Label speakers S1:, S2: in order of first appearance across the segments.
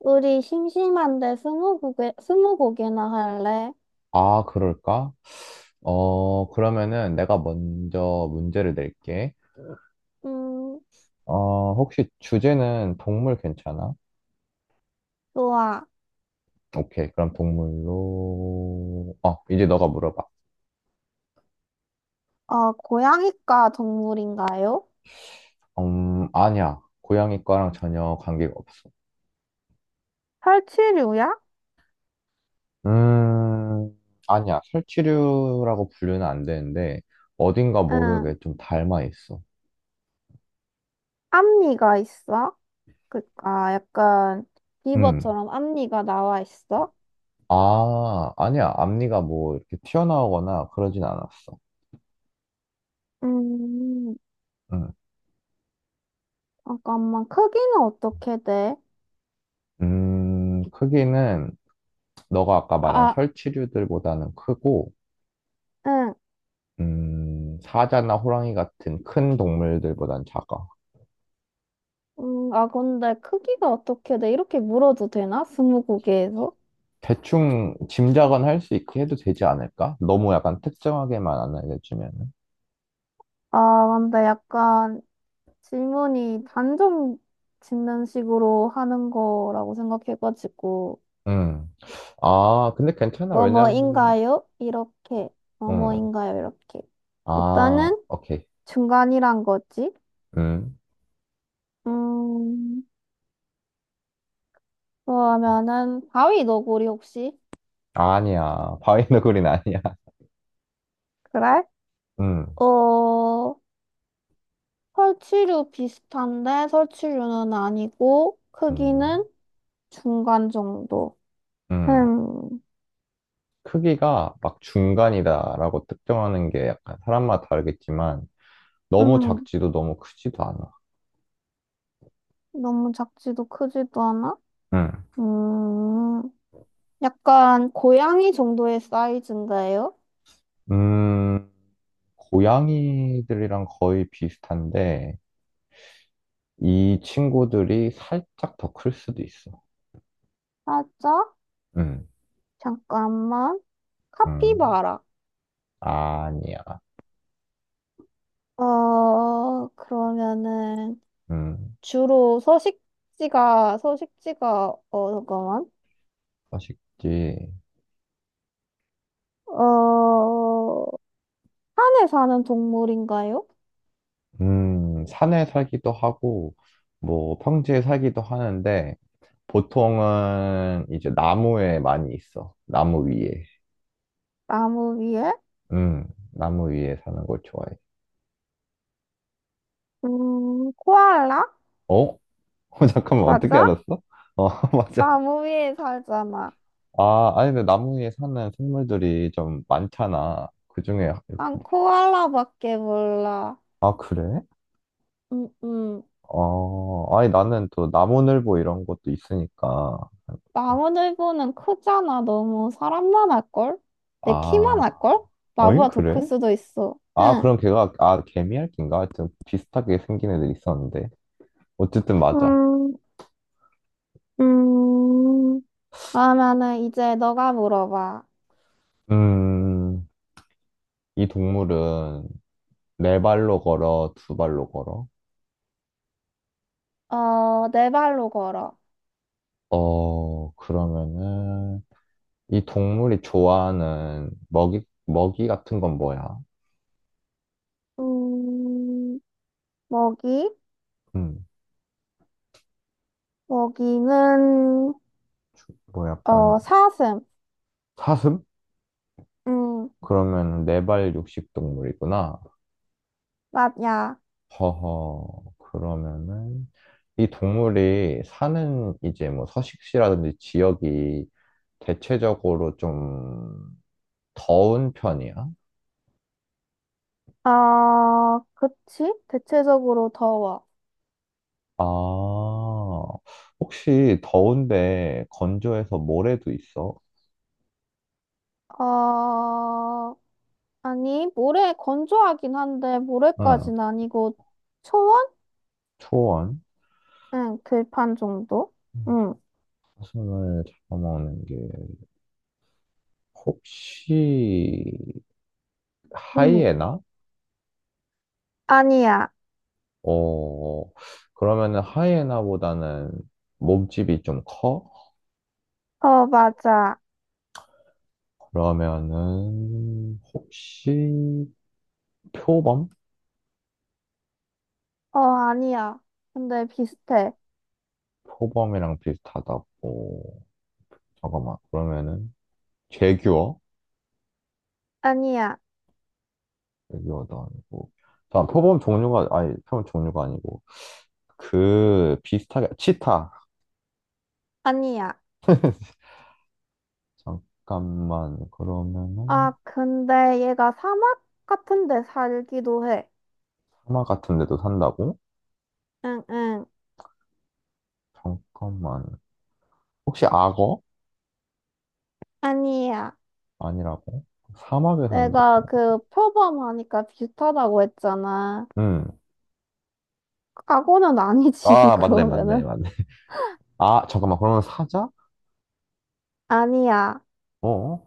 S1: 우리 심심한데 스무고개, 스무고개나 할래?
S2: 아, 그럴까? 그러면은 내가 먼저 문제를 낼게.
S1: 음,
S2: 혹시 주제는 동물 괜찮아?
S1: 좋아.
S2: 오케이, 그럼 동물로. 이제 너가 물어봐.
S1: 고양이과 동물인가요?
S2: 아니야. 고양이 과랑 전혀 관계가 없어.
S1: 설치류야?
S2: 음, 아니야. 설치류라고 분류는 안 되는데, 어딘가
S1: 응.
S2: 모르게 좀 닮아 있어.
S1: 앞니가 있어? 그니까 약간
S2: 음.
S1: 비버처럼 앞니가 나와 있어?
S2: 아, 아니야. 앞니가 뭐 이렇게 튀어나오거나 그러진 않았어.
S1: 음,
S2: 음.
S1: 잠깐만. 크기는 어떻게 돼?
S2: 크기는 너가 아까 말한
S1: 아,
S2: 설치류들보다는 크고,
S1: 응.
S2: 사자나 호랑이 같은 큰 동물들보단 작아.
S1: 아, 근데 크기가 어떻게 돼? 이렇게 물어도 되나? 스무고개에서?
S2: 대충 짐작은 할 수 있게 해도 되지 않을까? 너무 약간 특정하게만 안 알려주면은.
S1: 아, 근데 약간 질문이 단정 짓는 식으로 하는 거라고 생각해가지고,
S2: 음. 아, 근데 괜찮아. 왜냐면은,
S1: 뭐뭐인가요? 이렇게,
S2: 음.
S1: 뭐뭐인가요? 이렇게.
S2: 아,
S1: 일단은
S2: 오케이.
S1: 중간이란 거지.
S2: 음.
S1: 음, 그러면은, 바위 너구리 혹시?
S2: 아니야. 바위너구리는 아니야.
S1: 그래?
S2: 음.
S1: 어, 설치류 비슷한데, 설치류는 아니고, 크기는
S2: 음.
S1: 중간 정도.
S2: 음.
S1: 음,
S2: 크기가 막 중간이다라고 특정하는 게 약간 사람마다 다르겠지만, 너무
S1: 음,
S2: 작지도 너무 크지도 않아.
S1: 너무 작지도 크지도 않아?
S2: 음.
S1: 음. 약간 고양이 정도의 사이즈인가요?
S2: 음, 고양이들이랑 거의 비슷한데, 이 친구들이 살짝 더 클 수도 있어.
S1: 살짝?
S2: 음,
S1: 잠깐만.
S2: 음,
S1: 카피바라.
S2: 아니야.
S1: 그러면은
S2: 음,
S1: 주로 서식지가, 서식지가, 어, 잠깐만.
S2: 서식지.
S1: 어, 산에 사는 동물인가요?
S2: 산에 살기도 하고, 뭐, 평지에 살기도 하는데, 보통은 이제 나무에 많이 있어. 나무 위에.
S1: 나무 위에?
S2: 음, 나무 위에 사는 걸 좋아해.
S1: 코알라?
S2: 어? 잠깐만, 어떻게
S1: 맞아?
S2: 알았어? 어, 맞아.
S1: 나무 위에 살잖아.
S2: 아, 아니, 근데 나무 위에 사는 생물들이 좀 많잖아. 그중에 이렇게.
S1: 난
S2: 뭐-
S1: 코알라밖에 몰라.
S2: 아, 그래?
S1: 음, 음.
S2: 어, 아니, 나는 또 나무늘보 이런 것도 있으니까. 그래서.
S1: 나무늘보는 크잖아. 너무 사람만 할걸? 내 키만
S2: 아,
S1: 할걸?
S2: 어잉,
S1: 나보다 더
S2: 그래?
S1: 클 수도 있어.
S2: 아,
S1: 응.
S2: 그럼 걔가, 아, 개미핥기인가? 하여튼 비슷하게 생긴 애들 있었는데. 어쨌든 맞아.
S1: 음, 음. 그러면은 이제 너가 물어봐.
S2: 음, 이 동물은 네 발로 걸어, 두 발로 걸어?
S1: 네 발로 걸어.
S2: 그러면은, 이 동물이 좋아하는 먹이 같은 건 뭐야?
S1: 음, 먹이?
S2: 음.
S1: 먹이는,
S2: 뭐
S1: 어,
S2: 약간
S1: 사슴.
S2: 사슴?
S1: 음,
S2: 그러면 네발 육식 동물이구나.
S1: 맞야.
S2: 허허. 그러면은 이 동물이 사는 이제 뭐 서식지라든지 지역이 대체적으로 좀 더운 편이야?
S1: 어, 그치? 대체적으로 더워.
S2: 아, 혹시 더운데 건조해서 모래도 있어?
S1: 어, 아니, 모래 건조하긴 한데
S2: 응,
S1: 모래까진 아니고 초원?
S2: 초원.
S1: 응, 들판 정도?
S2: 음,
S1: 응,
S2: 사슴을 잡아먹는 게 혹시
S1: 응.
S2: 하이에나?
S1: 아니야.
S2: 어, 그러면은 하이에나보다는 몸집이 좀 커?
S1: 어, 맞아.
S2: 그러면은 혹시 표범?
S1: 어, 아니야. 근데 비슷해.
S2: 표범이랑 비슷하다고. 잠깐만. 그러면은 제규어?
S1: 아니야.
S2: 제규어도 아니고. 잠깐, 표범 종류가, 아니, 표범 종류가 아니고. 그 비슷하게, 치타.
S1: 아니야.
S2: 잠깐만.
S1: 아,
S2: 그러면은
S1: 근데 얘가 사막 같은 데 살기도 해.
S2: 사막 같은 데도 산다고?
S1: 응, 응.
S2: 잠깐만. 혹시 악어?
S1: 아니야.
S2: 아니라고? 사막에 산다고?
S1: 내가 그 표범하니까 비슷하다고 했잖아.
S2: 음.
S1: 과거는 아니지,
S2: 아, 맞네, 맞네,
S1: 그러면은.
S2: 맞네. 아, 잠깐만, 그러면 사자?
S1: 아니야.
S2: 어?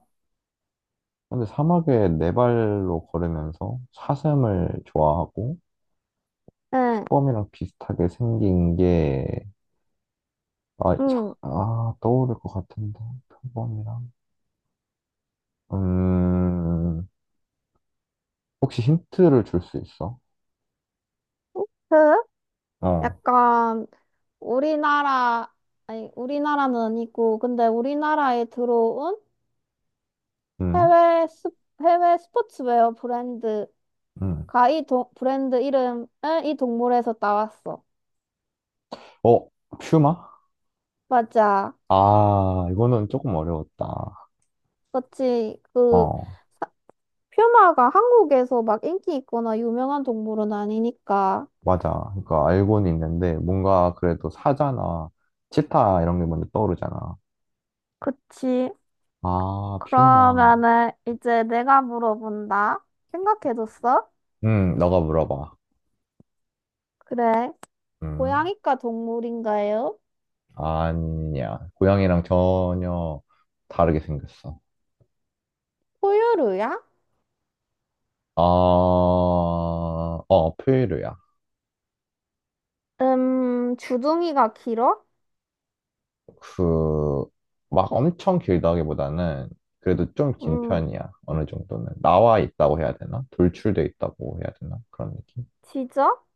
S2: 근데 사막에 네 발로 걸으면서 사슴을 좋아하고
S1: 응,
S2: 표범이랑 비슷하게 생긴 게, 아,
S1: 응.
S2: 떠오를 것 같은데, 표범이랑. 음, 혹시 힌트를 줄 수 있어?
S1: 그?
S2: 어,
S1: 약간 우리나라, 아니, 우리나라는 아니고, 근데 우리나라에 들어온
S2: 음,
S1: 해외, 스, 해외 스포츠웨어 브랜드가
S2: 음.
S1: 이 동, 브랜드 이름을 이 동물에서 따왔어.
S2: 어, 퓨마?
S1: 맞아.
S2: 아, 이거는 조금 어려웠다.
S1: 그치. 그,
S2: 어,
S1: 사- 퓨마가 한국에서 막 인기 있거나 유명한 동물은 아니니까.
S2: 맞아. 그러니까 알고는 있는데, 뭔가 그래도 사자나 치타 이런 게 먼저 떠오르잖아.
S1: 그치.
S2: 아, 퓨어망.
S1: 그러면은 이제 내가 물어본다. 생각해뒀어?
S2: 너가 물어봐.
S1: 그래.
S2: 음,
S1: 고양이과 동물인가요?
S2: 아니야. 고양이랑 전혀 다르게 생겼어.
S1: 포유류야?
S2: 포유류야.
S1: 주둥이가 길어?
S2: 그, 막 엄청 길다기보다는 그래도 좀 긴
S1: 음,
S2: 편이야. 어느 정도는. 나와 있다고 해야 되나? 돌출돼 있다고 해야 되나? 그런 느낌?
S1: 지적?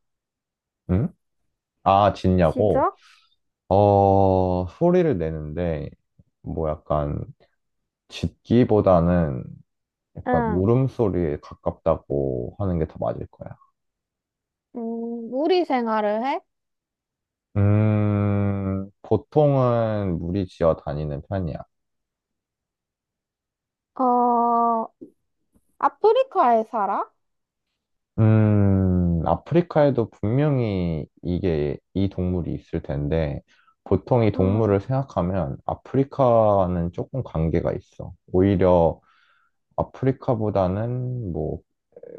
S2: 응? 아, 짖냐고?
S1: 지적?
S2: 어, 소리를 내는데, 뭐 약간, 짖기보다는 약간
S1: 응.
S2: 울음소리에 가깝다고 하는 게 더 맞을 거야.
S1: 무리 생활을 해?
S2: 보통은 무리지어 다니는 편이야.
S1: 어, 아프리카에 살아?
S2: 아프리카에도 분명히 이게, 이 동물이 있을 텐데, 보통 이
S1: 음,
S2: 동물을 생각하면 아프리카는 조금 관계가 있어. 오히려 아프리카보다는 뭐,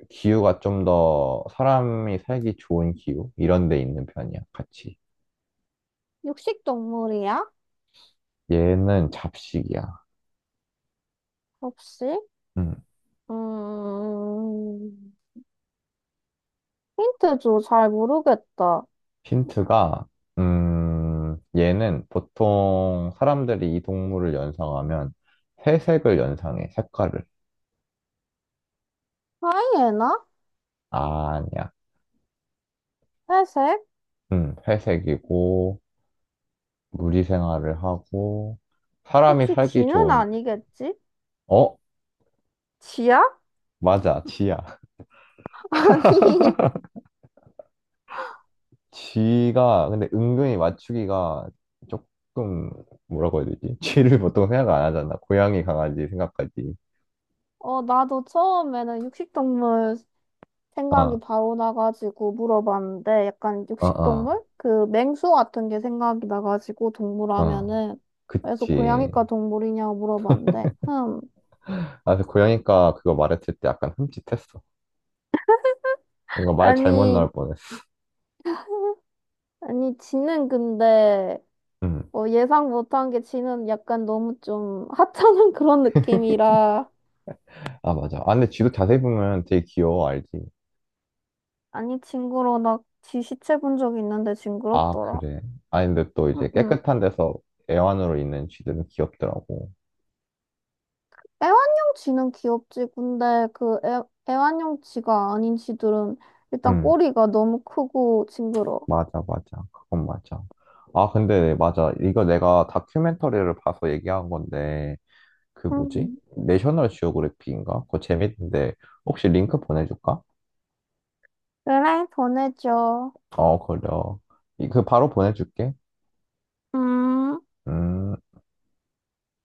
S2: 기후가 좀 더 사람이 살기 좋은 기후? 이런 데 있는 편이야, 같이.
S1: 육식 동물이야?
S2: 얘는 잡식이야.
S1: 혹시?
S2: 음.
S1: 음, 힌트 줘, 잘 모르겠다.
S2: 힌트가, 얘는 보통 사람들이 이 동물을 연상하면 회색을 연상해, 색깔을.
S1: 하이에나?
S2: 아, 아니야.
S1: 회색?
S2: 회색이고, 무리 생활을 하고, 사람이
S1: 혹시
S2: 살기
S1: 쥐는
S2: 좋은,
S1: 아니겠지?
S2: 어?
S1: 쥐야?
S2: 맞아, 쥐야.
S1: 아니,
S2: 쥐가, 근데 은근히 맞추기가 조금, 뭐라고 해야 되지? 쥐를 보통 생각 안 하잖아. 고양이, 강아지 생각까지.
S1: 어, 나도 처음에는 육식 동물 생각이
S2: 어,
S1: 바로 나가지고 물어봤는데 약간
S2: 어, 어,
S1: 육식동물? 그 맹수 같은 게 생각이 나가지고 동물
S2: 어.
S1: 하면은 그래서
S2: 그치.
S1: 고양이과 동물이냐고 물어봤는데 흠
S2: 아, 그 고양이과 그거 말했을 때 약간 흠칫했어. 뭔가 말 잘못
S1: 아니
S2: 나올 뻔했어.
S1: 아니 지는 근데
S2: 음.
S1: 뭐 예상 못한 게 지는 약간 너무 좀 하찮은 그런 느낌이라
S2: 아, 맞아. 아, 근데 쥐도 자세히 보면 되게 귀여워, 알지?
S1: 아니 징그러워 나 지 시체 본 적 있는데
S2: 아,
S1: 징그럽더라
S2: 그래. 아, 근데 또 이제
S1: 응응
S2: 깨끗한 데서 애완으로 있는 쥐들은 귀엽더라고.
S1: 애완용 쥐는 귀엽지. 근데 그 애, 애완용 쥐가 아닌 쥐들은 일단
S2: 음,
S1: 꼬리가 너무 크고 징그러워.
S2: 맞아, 맞아. 그건 맞아. 아, 근데 맞아. 이거 내가 다큐멘터리를 봐서 얘기한 건데, 그 뭐지?
S1: 음,
S2: 내셔널 지오그래피인가? 그거 재밌는데, 혹시 링크 보내줄까?
S1: 그래, 보내줘.
S2: 어, 그래. 그 바로 보내줄게.
S1: 음.
S2: 음.